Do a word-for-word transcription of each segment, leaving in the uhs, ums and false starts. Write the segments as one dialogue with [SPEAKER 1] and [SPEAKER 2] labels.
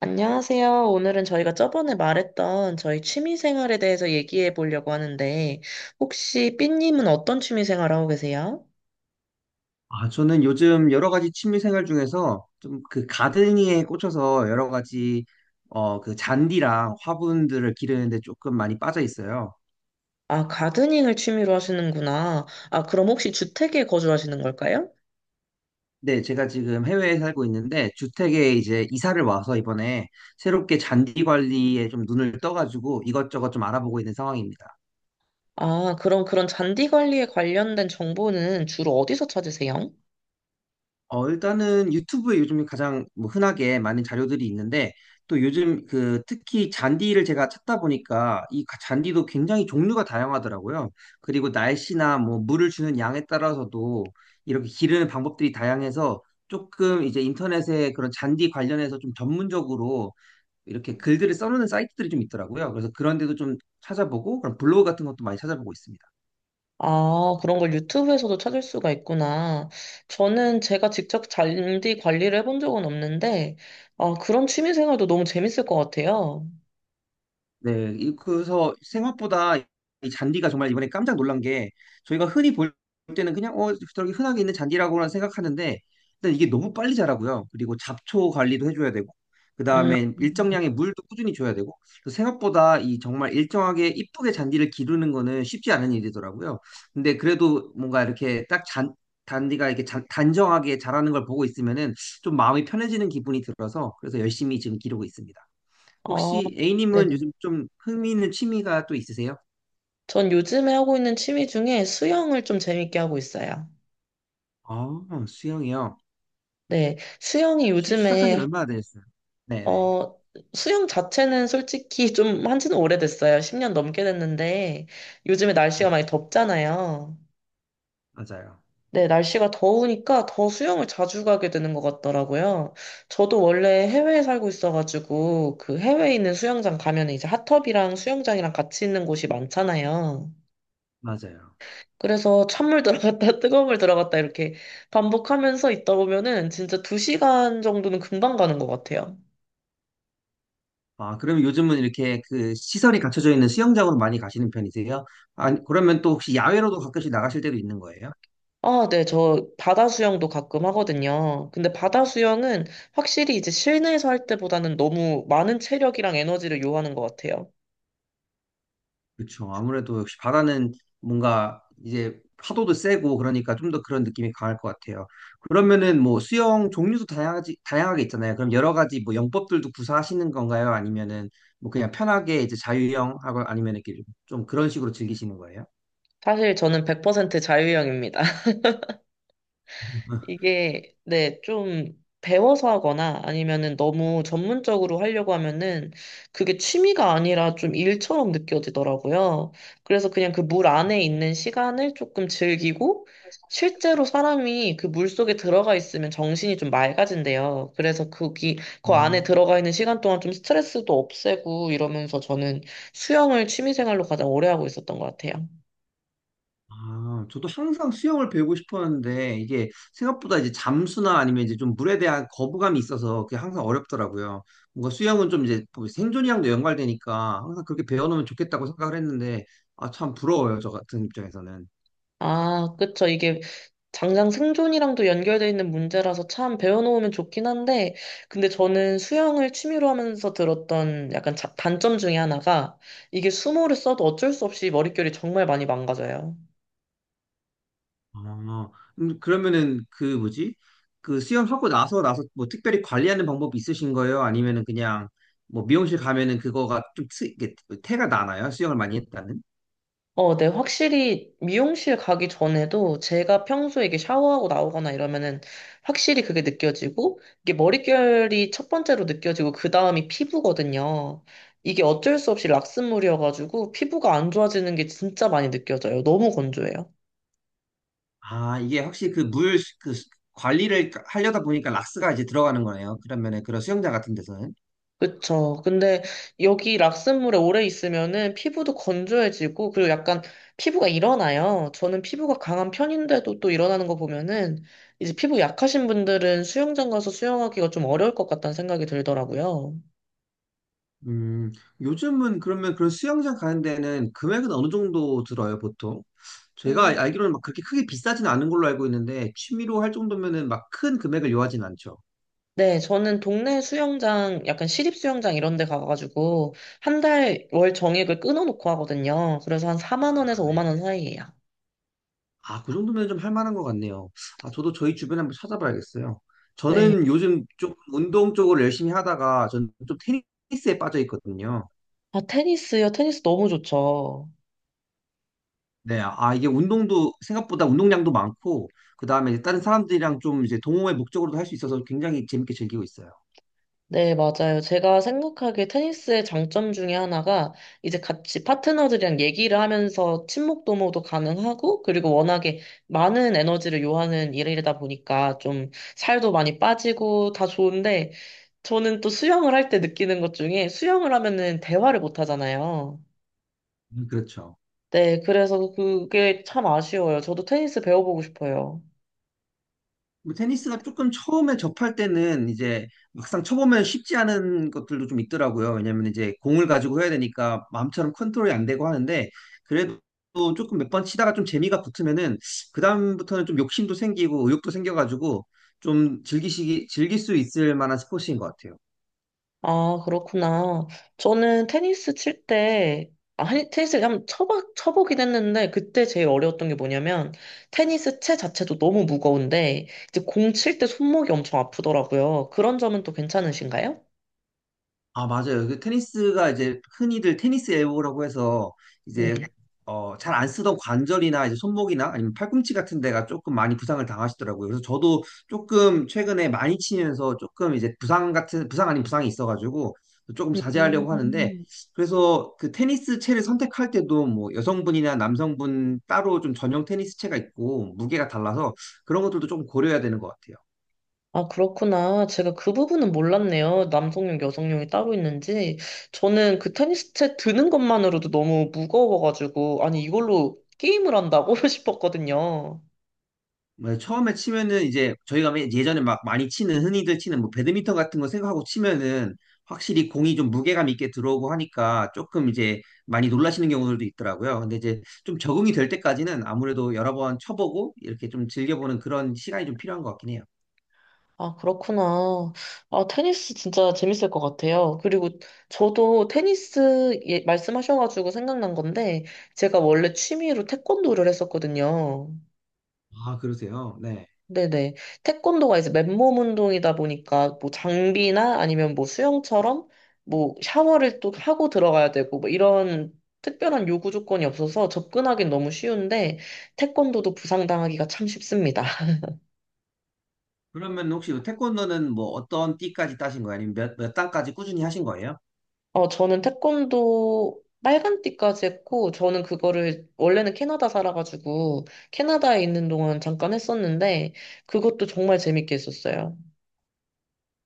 [SPEAKER 1] 안녕하세요. 오늘은 저희가 저번에 말했던 저희 취미 생활에 대해서 얘기해 보려고 하는데, 혹시 삐님은 어떤 취미 생활 하고 계세요?
[SPEAKER 2] 아, 저는 요즘 여러 가지 취미 생활 중에서 좀 그 가드닝에 꽂혀서 여러 가지 어, 그 잔디랑 화분들을 기르는데 조금 많이 빠져 있어요.
[SPEAKER 1] 아, 가드닝을 취미로 하시는구나. 아, 그럼 혹시 주택에 거주하시는 걸까요?
[SPEAKER 2] 네, 제가 지금 해외에 살고 있는데 주택에 이제 이사를 와서 이번에 새롭게 잔디 관리에 좀 눈을 떠가지고 이것저것 좀 알아보고 있는 상황입니다.
[SPEAKER 1] 아, 그럼 그런 잔디 관리에 관련된 정보는 주로 어디서 찾으세요?
[SPEAKER 2] 어, 일단은 유튜브에 요즘 가장 뭐 흔하게 많은 자료들이 있는데, 또 요즘 그 특히 잔디를 제가 찾다 보니까 이 가- 잔디도 굉장히 종류가 다양하더라고요. 그리고 날씨나 뭐 물을 주는 양에 따라서도 이렇게 기르는 방법들이 다양해서 조금 이제 인터넷에 그런 잔디 관련해서 좀 전문적으로 이렇게 글들을 써놓는 사이트들이 좀 있더라고요. 그래서 그런 데도 좀 찾아보고, 그런 블로그 같은 것도 많이 찾아보고 있습니다.
[SPEAKER 1] 아, 그런 걸 유튜브에서도 찾을 수가 있구나. 저는 제가 직접 잔디 관리를 해본 적은 없는데, 아, 그런 취미 생활도 너무 재밌을 것 같아요.
[SPEAKER 2] 네, 이- 그래서 생각보다 이 잔디가 정말 이번에 깜짝 놀란 게 저희가 흔히 볼 때는 그냥 어 저기 흔하게 있는 잔디라고만 생각하는데 일단 이게 너무 빨리 자라고요. 그리고 잡초 관리도 해줘야 되고
[SPEAKER 1] 음,
[SPEAKER 2] 그다음에 일정량의 물도 꾸준히 줘야 되고 그래서 생각보다 이 정말 일정하게 이쁘게 잔디를 기르는 거는 쉽지 않은 일이더라고요. 근데 그래도 뭔가 이렇게 딱 잔, 잔디가 이렇게 잔, 단정하게 자라는 걸 보고 있으면은 좀 마음이 편해지는 기분이 들어서 그래서 열심히 지금 기르고 있습니다.
[SPEAKER 1] 아,
[SPEAKER 2] 혹시 A님은
[SPEAKER 1] 네네.
[SPEAKER 2] 요즘 좀 흥미있는 취미가 또 있으세요?
[SPEAKER 1] 전 요즘에 하고 있는 취미 중에 수영을 좀 재밌게 하고 있어요.
[SPEAKER 2] 아, 수영이요.
[SPEAKER 1] 네, 수영이
[SPEAKER 2] 혹시 시작한 지는
[SPEAKER 1] 요즘에,
[SPEAKER 2] 얼마나 되셨어요? 네네.
[SPEAKER 1] 어, 수영 자체는 솔직히 좀 한지는 오래됐어요. 십 년 넘게 됐는데, 요즘에 날씨가
[SPEAKER 2] 네,
[SPEAKER 1] 많이 덥잖아요.
[SPEAKER 2] 맞아요.
[SPEAKER 1] 네, 날씨가 더우니까 더 수영을 자주 가게 되는 것 같더라고요. 저도 원래 해외에 살고 있어가지고, 그 해외에 있는 수영장 가면 이제 핫tub이랑 수영장이랑 같이 있는 곳이 많잖아요.
[SPEAKER 2] 맞아요.
[SPEAKER 1] 그래서 찬물 들어갔다 뜨거운 물 들어갔다 이렇게 반복하면서 있다 보면은 진짜 두 시간 정도는 금방 가는 것 같아요.
[SPEAKER 2] 아, 그럼 요즘은 이렇게 그 시설이 갖춰져 있는 수영장으로 많이 가시는 편이세요? 아, 그러면 또 혹시 야외로도 가끔씩 나가실 때도 있는 거예요?
[SPEAKER 1] 아, 네, 저 바다 수영도 가끔 하거든요. 근데 바다 수영은 확실히 이제 실내에서 할 때보다는 너무 많은 체력이랑 에너지를 요하는 것 같아요.
[SPEAKER 2] 그렇죠. 아무래도 역시 바다는 뭔가 이제 파도도 세고 그러니까 좀 더 그런 느낌이 강할 것 같아요. 그러면은 뭐 수영 종류도 다양하지, 다양하게 있잖아요. 그럼 여러 가지 뭐 영법들도 구사하시는 건가요? 아니면은 뭐 그냥 편하게 이제 자유형 하고 아니면 이렇게 좀 그런 식으로 즐기시는 거예요?
[SPEAKER 1] 사실 저는 백 퍼센트 자유형입니다. 이게 네, 좀 배워서 하거나 아니면은 너무 전문적으로 하려고 하면은 그게 취미가 아니라 좀 일처럼 느껴지더라고요. 그래서 그냥 그 물 안에 있는 시간을 조금 즐기고 실제로 사람이 그 물 속에 들어가 있으면 정신이 좀 맑아진대요. 그래서 거기 그 안에
[SPEAKER 2] 음.
[SPEAKER 1] 들어가 있는 시간 동안 좀 스트레스도 없애고 이러면서 저는 수영을 취미 생활로 가장 오래 하고 있었던 것 같아요.
[SPEAKER 2] 아, 저도 항상 수영을 배우고 싶었는데 이게 생각보다 이제 잠수나 아니면 이제 좀 물에 대한 거부감이 있어서 그게 항상 어렵더라고요. 뭔가 수영은 좀 이제 뭐 생존이랑도 연관되니까 항상 그렇게 배워놓으면 좋겠다고 생각을 했는데 아, 참 부러워요. 저 같은 입장에서는.
[SPEAKER 1] 아, 그쵸. 이게 당장 생존이랑도 연결되어 있는 문제라서 참 배워놓으면 좋긴 한데, 근데 저는 수영을 취미로 하면서 들었던 약간 자- 단점 중에 하나가 이게 수모를 써도 어쩔 수 없이 머릿결이 정말 많이 망가져요.
[SPEAKER 2] 아, 음, 그러면은 그 뭐지? 그 수영하고 나서 나서 뭐 특별히 관리하는 방법이 있으신 거예요? 아니면은 그냥 뭐 미용실 가면은 그거가 좀 트, 이게 뭐 태가 나나요? 수영을 많이 했다는?
[SPEAKER 1] 어, 네, 확실히 미용실 가기 전에도 제가 평소에 이게 샤워하고 나오거나 이러면은 확실히 그게 느껴지고 이게 머릿결이 첫 번째로 느껴지고 그 다음이 피부거든요. 이게 어쩔 수 없이 락스물이어가지고 피부가 안 좋아지는 게 진짜 많이 느껴져요. 너무 건조해요.
[SPEAKER 2] 아, 이게 확실히 그 물, 그 관리를 하려다 보니까 락스가 이제 들어가는 거네요. 그런 면에, 그런 수영장 같은 데서는.
[SPEAKER 1] 그쵸. 근데 여기 락슨물에 오래 있으면은 피부도 건조해지고, 그리고 약간 피부가 일어나요. 저는 피부가 강한 편인데도 또 일어나는 거 보면은, 이제 피부 약하신 분들은 수영장 가서 수영하기가 좀 어려울 것 같다는 생각이 들더라고요.
[SPEAKER 2] 음, 요즘은 그러면 그런 수영장 가는 데는 금액은 어느 정도 들어요, 보통?
[SPEAKER 1] 음,
[SPEAKER 2] 제가 알기로는 막 그렇게 크게 비싸진 않은 걸로 알고 있는데, 취미로 할 정도면은 막 큰 금액을 요하진 않죠.
[SPEAKER 1] 네, 저는 동네 수영장, 약간 시립 수영장 이런 데 가가지고, 한 달 월 정액을 끊어놓고 하거든요. 그래서 한 사만
[SPEAKER 2] 아,
[SPEAKER 1] 원에서
[SPEAKER 2] 네.
[SPEAKER 1] 오만 원 사이예요.
[SPEAKER 2] 아, 그 정도면 좀 할 만한 것 같네요. 아, 저도 저희 주변에 한번 찾아봐야겠어요.
[SPEAKER 1] 네.
[SPEAKER 2] 저는 요즘 좀 운동 쪽으로 열심히 하다가 저는 좀 테니스에 빠져 있거든요.
[SPEAKER 1] 아, 테니스요. 테니스 너무 좋죠.
[SPEAKER 2] 네, 아, 이게 운동도 생각보다 운동량도 많고, 그 다음에 다른 사람들이랑 좀 이제 동호회 목적으로도 할 수 있어서 굉장히 재밌게 즐기고 있어요.
[SPEAKER 1] 네, 맞아요. 제가 생각하기에 테니스의 장점 중에 하나가 이제 같이 파트너들이랑 얘기를 하면서 친목 도모도 가능하고 그리고 워낙에 많은 에너지를 요하는 일이다 보니까 좀 살도 많이 빠지고 다 좋은데 저는 또 수영을 할 때 느끼는 것 중에 수영을 하면은 대화를 못 하잖아요.
[SPEAKER 2] 음, 그렇죠.
[SPEAKER 1] 네, 그래서 그게 참 아쉬워요. 저도 테니스 배워보고 싶어요.
[SPEAKER 2] 뭐 테니스가 조금 처음에 접할 때는 이제 막상 쳐보면 쉽지 않은 것들도 좀 있더라고요. 왜냐면 이제 공을 가지고 해야 되니까 마음처럼 컨트롤이 안 되고 하는데, 그래도 조금 몇 번 치다가 좀 재미가 붙으면은, 그다음부터는 좀 욕심도 생기고 의욕도 생겨가지고, 좀 즐기시기, 즐길 수 있을 만한 스포츠인 것 같아요.
[SPEAKER 1] 아, 그렇구나. 저는 테니스 칠 때, 아, 한- 테니스를 한번 쳐봐, 쳐보긴 했는데, 그때 제일 어려웠던 게 뭐냐면, 테니스 채 자체도 너무 무거운데, 이제 공 칠 때 손목이 엄청 아프더라고요. 그런 점은 또 괜찮으신가요?
[SPEAKER 2] 아, 맞아요. 그 테니스가 이제 흔히들 테니스 엘보라고 해서
[SPEAKER 1] 네.
[SPEAKER 2] 이제 어, 잘 안 쓰던 관절이나 이제 손목이나 아니면 팔꿈치 같은 데가 조금 많이 부상을 당하시더라고요. 그래서 저도 조금 최근에 많이 치면서 조금 이제 부상 같은 부상 아닌 부상이 있어가지고 조금 자제하려고 하는데
[SPEAKER 1] 음.
[SPEAKER 2] 그래서 그 테니스 채를 선택할 때도 뭐 여성분이나 남성분 따로 좀 전용 테니스 채가 있고 무게가 달라서 그런 것들도 조금 고려해야 되는 것 같아요.
[SPEAKER 1] 아, 그렇구나. 제가 그 부분은 몰랐네요. 남성용, 여성용이 따로 있는지. 저는 그 테니스 채 드는 것만으로도 너무 무거워가지고, 아니, 이걸로 게임을 한다고 싶었거든요.
[SPEAKER 2] 맞아요. 처음에 치면은 이제 저희가 매- 예전에 막 많이 치는 흔히들 치는 뭐 배드민턴 같은 거 생각하고 치면은 확실히 공이 좀 무게감 있게 들어오고 하니까 조금 이제 많이 놀라시는 경우들도 있더라고요. 근데 이제 좀 적응이 될 때까지는 아무래도 여러 번 쳐보고 이렇게 좀 즐겨보는 그런 시간이 좀 필요한 것 같긴 해요.
[SPEAKER 1] 아, 그렇구나. 아, 테니스 진짜 재밌을 것 같아요. 그리고 저도 테니스 예- 말씀하셔가지고 생각난 건데, 제가 원래 취미로 태권도를 했었거든요.
[SPEAKER 2] 아, 그러세요? 네.
[SPEAKER 1] 네네. 태권도가 이제 맨몸 운동이다 보니까, 뭐 장비나 아니면 뭐 수영처럼, 뭐 샤워를 또 하고 들어가야 되고, 뭐 이런 특별한 요구 조건이 없어서 접근하기는 너무 쉬운데, 태권도도 부상당하기가 참 쉽습니다.
[SPEAKER 2] 그러면 혹시 태권도는 뭐 어떤 띠까지 따신 거예요? 아니면 몇, 몇 단까지 꾸준히 하신 거예요?
[SPEAKER 1] 어, 저는 태권도 빨간띠까지 했고, 저는 그거를, 원래는 캐나다 살아가지고, 캐나다에 있는 동안 잠깐 했었는데, 그것도 정말 재밌게 했었어요.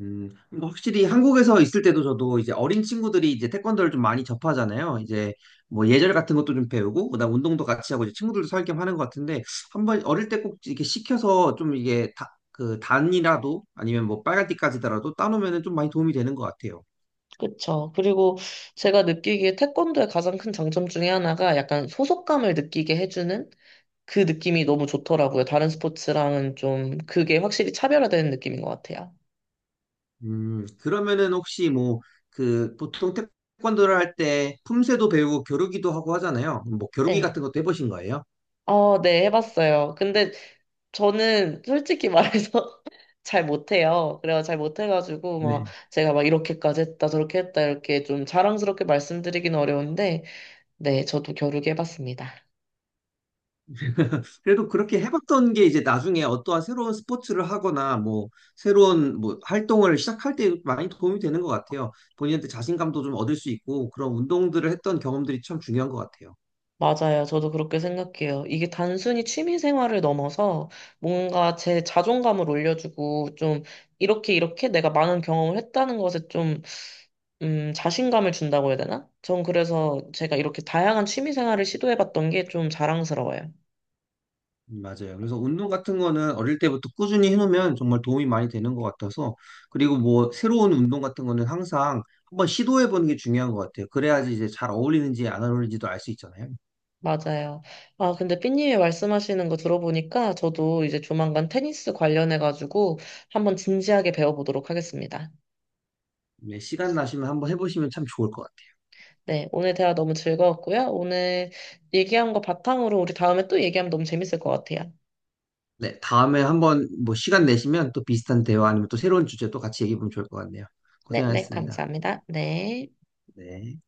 [SPEAKER 2] 음, 그러니까 확실히 한국에서 있을 때도 저도 이제 어린 친구들이 이제 태권도를 좀 많이 접하잖아요. 이제 뭐 예절 같은 것도 좀 배우고, 그다음 운동도 같이 하고 이제 친구들도 살겸 하는 것 같은데 한번 어릴 때 꼭 이렇게 시켜서 좀 이게 다, 그 단이라도 아니면 뭐 빨간 띠까지더라도 따놓으면은 좀 많이 도움이 되는 것 같아요.
[SPEAKER 1] 그쵸. 그리고 제가 느끼기에 태권도의 가장 큰 장점 중에 하나가 약간 소속감을 느끼게 해주는 그 느낌이 너무 좋더라고요. 다른 스포츠랑은 좀 그게 확실히 차별화되는 느낌인 것 같아요.
[SPEAKER 2] 음, 그러면은 혹시 뭐 그 보통 태권도를 할 때 품새도 배우고 겨루기도 하고 하잖아요. 뭐 겨루기
[SPEAKER 1] 네.
[SPEAKER 2] 같은 것도 해보신 거예요?
[SPEAKER 1] 어, 네, 해봤어요. 근데 저는 솔직히 말해서 잘 못해요. 그래서 잘 못해가지고 막
[SPEAKER 2] 네.
[SPEAKER 1] 제가 막 이렇게까지 했다 저렇게 했다 이렇게 좀 자랑스럽게 말씀드리기는 어려운데 네 저도 겨루기 해봤습니다.
[SPEAKER 2] 그래도 그렇게 해봤던 게 이제 나중에 어떠한 새로운 스포츠를 하거나 뭐 새로운 뭐 활동을 시작할 때 많이 도움이 되는 것 같아요. 본인한테 자신감도 좀 얻을 수 있고 그런 운동들을 했던 경험들이 참 중요한 것 같아요.
[SPEAKER 1] 맞아요. 저도 그렇게 생각해요. 이게 단순히 취미 생활을 넘어서 뭔가 제 자존감을 올려주고 좀 이렇게 이렇게 내가 많은 경험을 했다는 것에 좀 음, 자신감을 준다고 해야 되나? 전 그래서 제가 이렇게 다양한 취미 생활을 시도해봤던 게 좀 자랑스러워요.
[SPEAKER 2] 음, 맞아요. 그래서 운동 같은 거는 어릴 때부터 꾸준히 해놓으면 정말 도움이 많이 되는 것 같아서 그리고 뭐 새로운 운동 같은 거는 항상 한번 시도해보는 게 중요한 것 같아요. 그래야지 이제 잘 어울리는지 안 어울리는지도 알 수 있잖아요.
[SPEAKER 1] 맞아요. 아, 근데 삐님이 말씀하시는 거 들어보니까 저도 이제 조만간 테니스 관련해가지고 한번 진지하게 배워보도록 하겠습니다.
[SPEAKER 2] 네, 시간 나시면 한번 해보시면 참 좋을 것 같아요.
[SPEAKER 1] 네, 오늘 대화 너무 즐거웠고요. 오늘 얘기한 거 바탕으로 우리 다음에 또 얘기하면 너무 재밌을 것 같아요.
[SPEAKER 2] 네, 다음에 한번 뭐 시간 내시면 또 비슷한 대화 아니면 또 새로운 주제 또 같이 얘기해 보면 좋을 것 같네요.
[SPEAKER 1] 네, 네,
[SPEAKER 2] 고생하셨습니다.
[SPEAKER 1] 감사합니다. 네.
[SPEAKER 2] 네.